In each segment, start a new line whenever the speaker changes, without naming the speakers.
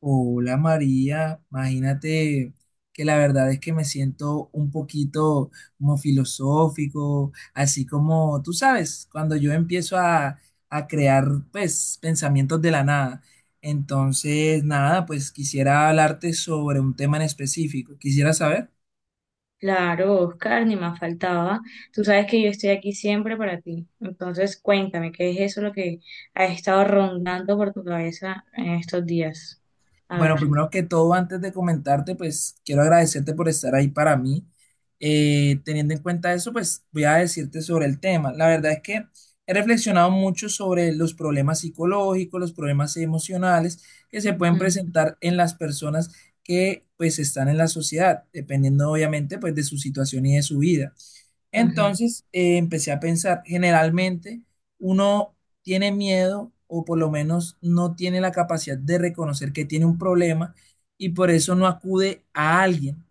Hola María, imagínate que la verdad es que me siento un poquito como filosófico, así como tú sabes, cuando yo empiezo a crear pues pensamientos de la nada. Entonces, nada, pues quisiera hablarte sobre un tema en específico. Quisiera saber.
Claro, Oscar, ni más faltaba. Tú sabes que yo estoy aquí siempre para ti. Entonces, cuéntame, ¿qué es eso lo que ha estado rondando por tu cabeza en estos días? A
Bueno,
ver.
primero que todo, antes de comentarte, pues quiero agradecerte por estar ahí para mí. Teniendo en cuenta eso, pues voy a decirte sobre el tema. La verdad es que he reflexionado mucho sobre los problemas psicológicos, los problemas emocionales que se pueden
Ujú,
presentar en las personas que pues están en la sociedad, dependiendo obviamente pues de su situación y de su vida.
ujú,
Entonces, empecé a pensar, generalmente uno tiene miedo o por lo menos no tiene la capacidad de reconocer que tiene un problema y por eso no acude a alguien.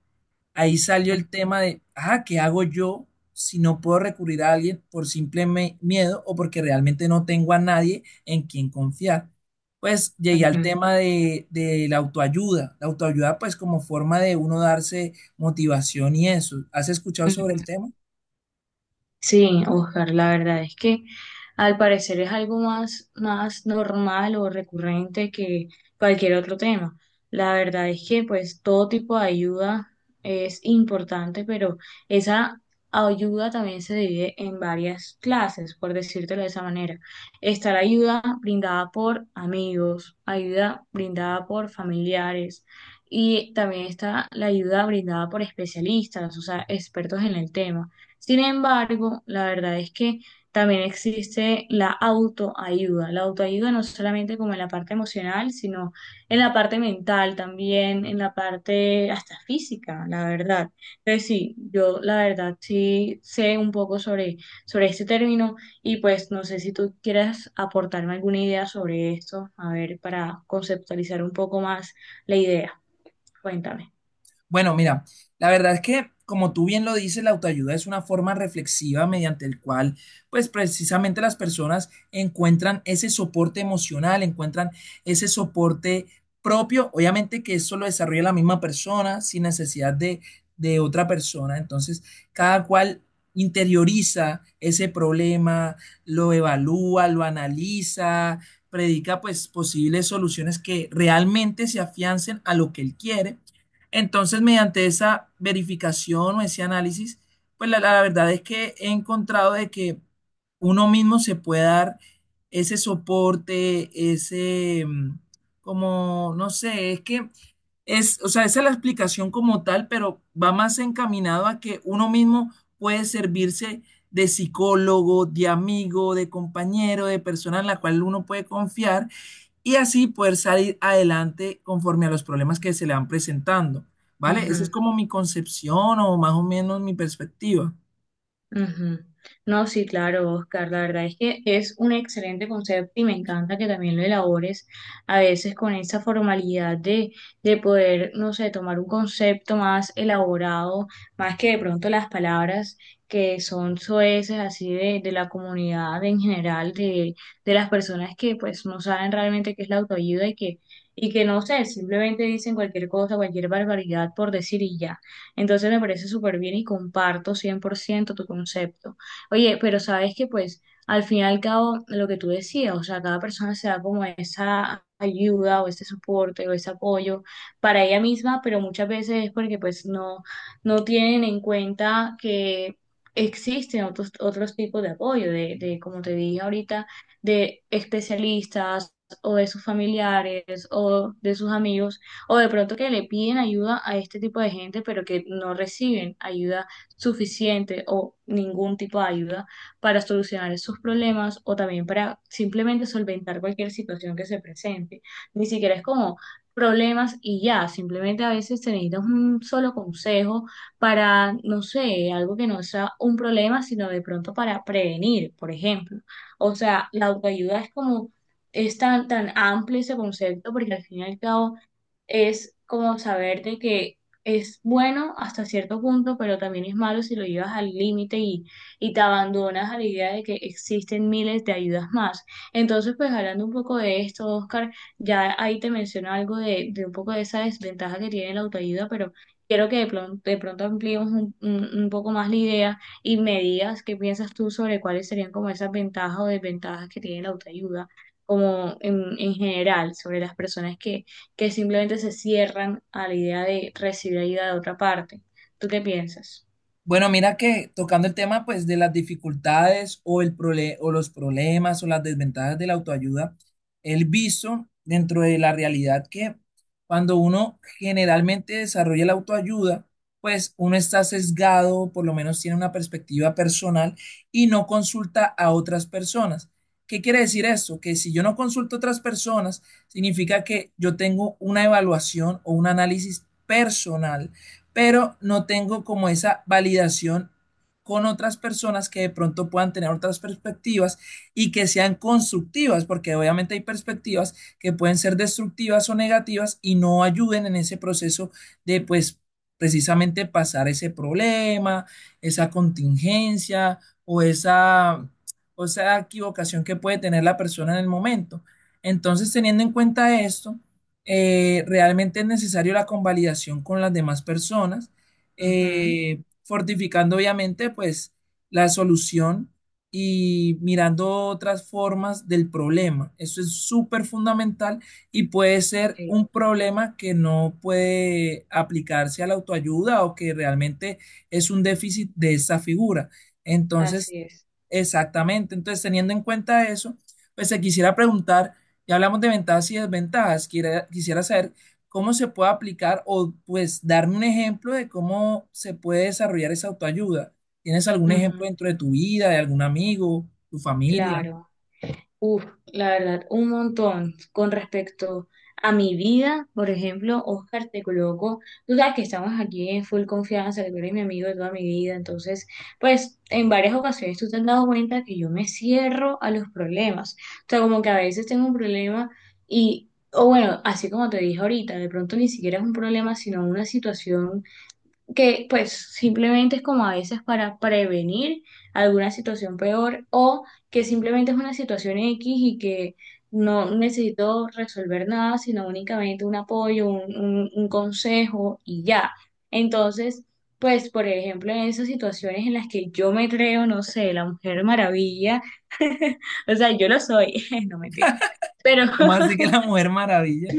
Ahí salió
ujú,
el tema de, ah, ¿qué hago yo si no puedo recurrir a alguien por simple miedo o porque realmente no tengo a nadie en quien confiar? Pues llegué al
ujú,
tema de la autoayuda. La autoayuda pues como forma de uno darse motivación y eso. ¿Has escuchado sobre el
ujú.
tema?
Sí, Oscar, la verdad es que al parecer es algo más normal o recurrente que cualquier otro tema. La verdad es que pues todo tipo de ayuda es importante, pero esa ayuda también se divide en varias clases, por decírtelo de esa manera. Está la ayuda brindada por amigos, ayuda brindada por familiares y también está la ayuda brindada por especialistas, o sea, expertos en el tema. Sin embargo, la verdad es que también existe la autoayuda. La autoayuda no solamente como en la parte emocional, sino en la parte mental también, en la parte hasta física, la verdad. Entonces sí, yo la verdad sí sé un poco sobre este término y pues no sé si tú quieras aportarme alguna idea sobre esto, a ver, para conceptualizar un poco más la idea. Cuéntame.
Bueno, mira, la verdad es que, como tú bien lo dices, la autoayuda es una forma reflexiva mediante el cual, pues precisamente las personas encuentran ese soporte emocional, encuentran ese soporte propio, obviamente que eso lo desarrolla la misma persona sin necesidad de otra persona, entonces cada cual interioriza ese problema, lo evalúa, lo analiza, predica pues posibles soluciones que realmente se afiancen a lo que él quiere. Entonces, mediante esa verificación o ese análisis, pues la verdad es que he encontrado de que uno mismo se puede dar ese soporte, no sé, es que o sea, esa es la explicación como tal, pero va más encaminado a que uno mismo puede servirse de psicólogo, de amigo, de compañero, de persona en la cual uno puede confiar y así poder salir adelante conforme a los problemas que se le van presentando, ¿vale? Esa es como mi concepción o más o menos mi perspectiva.
Ujú. No, sí, claro, Oscar, la verdad es que es un excelente concepto y me encanta que también lo elabores a veces con esa formalidad de poder, no sé, tomar un concepto más elaborado, más que de pronto las palabras que son soeces así de la comunidad en general, de las personas que pues no saben realmente qué es la autoayuda y que no sé, simplemente dicen cualquier cosa, cualquier barbaridad por decir y ya. Entonces me parece súper bien y comparto 100% tu concepto. Oye, pero sabes que pues al fin y al cabo lo que tú decías, o sea, cada persona se da como esa ayuda o ese soporte o ese apoyo para ella misma, pero muchas veces es porque pues no, no tienen en cuenta que existen otros tipos de apoyo, de como te dije ahorita, de especialistas o de sus familiares o de sus amigos o de pronto que le piden ayuda a este tipo de gente, pero que no reciben ayuda suficiente o ningún tipo de ayuda para solucionar sus problemas o también para simplemente solventar cualquier situación que se presente. Ni siquiera es como problemas y ya, simplemente a veces se necesita un solo consejo para, no sé, algo que no sea un problema, sino de pronto para prevenir, por ejemplo. O sea, la autoayuda es como, es tan, tan amplio ese concepto porque al fin y al cabo es como saber de que es bueno hasta cierto punto, pero también es malo si lo llevas al límite y te abandonas a la idea de que existen miles de ayudas más. Entonces, pues hablando un poco de esto, Oscar, ya ahí te menciono algo de un poco de esa desventaja que tiene la autoayuda, pero quiero que de pronto ampliemos un poco más la idea y me digas qué piensas tú sobre cuáles serían como esas ventajas o desventajas que tiene la autoayuda, como en general, sobre las personas que simplemente se cierran a la idea de recibir ayuda de otra parte. ¿Tú qué piensas?
Bueno, mira que tocando el tema pues de las dificultades o el o los problemas o las desventajas de la autoayuda, el visto dentro de la realidad que cuando uno generalmente desarrolla la autoayuda, pues uno está sesgado, por lo menos tiene una perspectiva personal y no consulta a otras personas. ¿Qué quiere decir esto? Que si yo no consulto a otras personas, significa que yo tengo una evaluación o un análisis personal pero no tengo como esa validación con otras personas que de pronto puedan tener otras perspectivas y que sean constructivas, porque obviamente hay perspectivas que pueden ser destructivas o negativas y no ayuden en ese proceso de pues precisamente pasar ese problema, esa contingencia o esa, o esa equivocación que puede tener la persona en el momento. Entonces, teniendo en cuenta esto, realmente es necesario la convalidación con las demás personas,
Ujú,
fortificando obviamente pues la solución y mirando otras formas del problema. Eso es súper fundamental y puede ser
sí,
un problema que no puede aplicarse a la autoayuda o que realmente es un déficit de esa figura. Entonces,
así es.
exactamente, entonces teniendo en cuenta eso, pues se quisiera preguntar. Ya hablamos de ventajas y desventajas. Quisiera saber cómo se puede aplicar o pues darme un ejemplo de cómo se puede desarrollar esa autoayuda. ¿Tienes algún
Ujú,
ejemplo dentro de tu vida, de algún amigo, tu familia?
claro. Uf, la verdad, un montón con respecto a mi vida, por ejemplo, Oscar, te coloco, tú sabes que estamos aquí en full confianza, que tú eres mi amigo de toda mi vida, entonces, pues, en varias ocasiones tú te has dado cuenta que yo me cierro a los problemas, o sea, como que a veces tengo un problema y, o bueno, así como te dije ahorita, de pronto ni siquiera es un problema, sino una situación que pues simplemente es como a veces para prevenir alguna situación peor o que simplemente es una situación X y que no necesito resolver nada, sino únicamente un apoyo, un consejo y ya. Entonces, pues por ejemplo, en esas situaciones en las que yo me creo, no sé, la Mujer Maravilla, o sea, yo lo soy, no mentira, pero...
¿Cómo así que la Mujer Maravilla?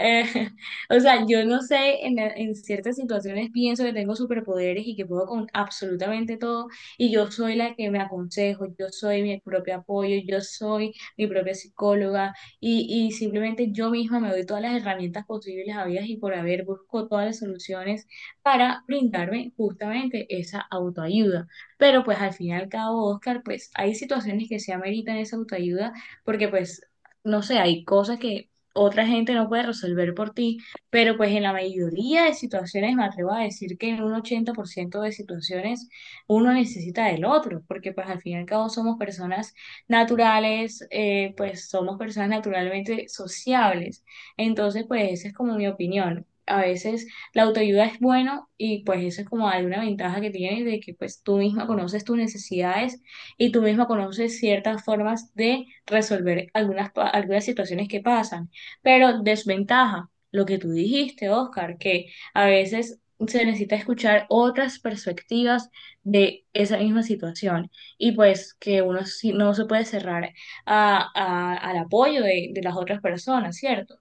Eh, o sea, yo no sé, en ciertas situaciones pienso que tengo superpoderes y que puedo con absolutamente todo, y yo soy la que me aconsejo, yo soy mi propio apoyo, yo soy mi propia psicóloga, y simplemente yo misma me doy todas las herramientas posibles, habidas y por haber, busco todas las soluciones para brindarme justamente esa autoayuda. Pero pues al fin y al cabo, Oscar, pues hay situaciones que se ameritan esa autoayuda, porque pues no sé, hay cosas que otra gente no puede resolver por ti, pero pues en la mayoría de situaciones me atrevo a decir que en un 80% de situaciones uno necesita del otro, porque pues al fin y al cabo somos personas naturales, pues somos personas naturalmente sociables. Entonces pues esa es como mi opinión. A veces la autoayuda es bueno y pues eso es como alguna ventaja que tienes de que pues tú misma conoces tus necesidades y tú misma conoces ciertas formas de resolver algunas, algunas situaciones que pasan. Pero desventaja, lo que tú dijiste, Oscar, que a veces se necesita escuchar otras perspectivas de esa misma situación y pues que uno no se puede cerrar al apoyo de las otras personas, ¿cierto?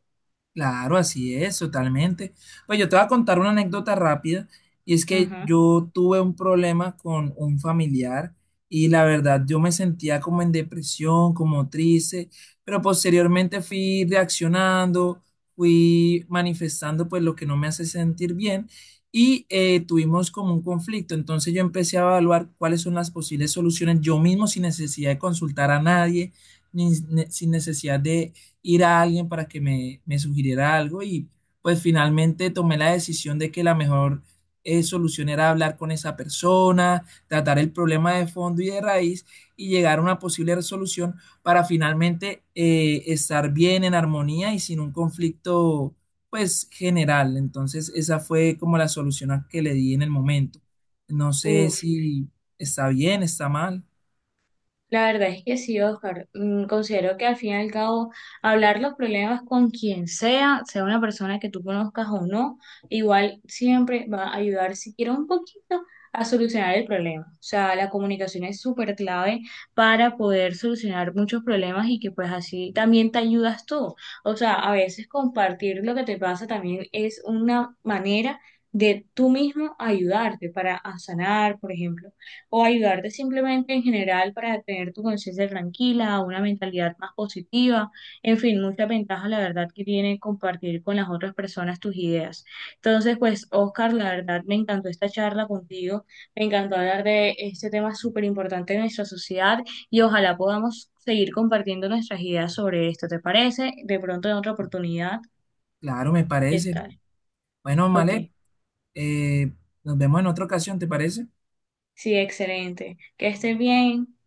Claro, así es, totalmente. Pues yo te voy a contar una anécdota rápida y es que
Ujú.
yo tuve un problema con un familiar y la verdad yo me sentía como en depresión, como triste, pero posteriormente fui reaccionando, fui manifestando pues lo que no me hace sentir bien y tuvimos como un conflicto. Entonces yo empecé a evaluar cuáles son las posibles soluciones yo mismo sin necesidad de consultar a nadie, ni- sin necesidad de ir a alguien para que me sugiriera algo y pues finalmente tomé la decisión de que la mejor solución era hablar con esa persona, tratar el problema de fondo y de raíz y llegar a una posible resolución para finalmente estar bien en armonía y sin un conflicto pues general. Entonces esa fue como la solución a que le di en el momento. No sé
Uf.
si está bien, está mal.
La verdad es que sí, Oscar. Considero que al fin y al cabo hablar los problemas con quien sea, sea una persona que tú conozcas o no, igual siempre va a ayudar siquiera un poquito a solucionar el problema. O sea, la comunicación es súper clave para poder solucionar muchos problemas y que pues así también te ayudas tú. O sea, a veces compartir lo que te pasa también es una manera de tú mismo ayudarte para a sanar, por ejemplo o ayudarte simplemente en general para tener tu conciencia tranquila, una mentalidad más positiva, en fin, muchas ventajas la verdad que tiene compartir con las otras personas tus ideas. Entonces, pues, Oscar, la verdad me encantó esta charla contigo, me encantó hablar de este tema súper importante de nuestra sociedad y ojalá podamos seguir compartiendo nuestras ideas sobre esto, ¿te parece? De pronto en otra oportunidad,
Claro, me
¿qué
parece.
tal?
Bueno,
Ok,
Malek, Eh, nos vemos en otra ocasión, ¿te parece?
sí, excelente. Que estés bien.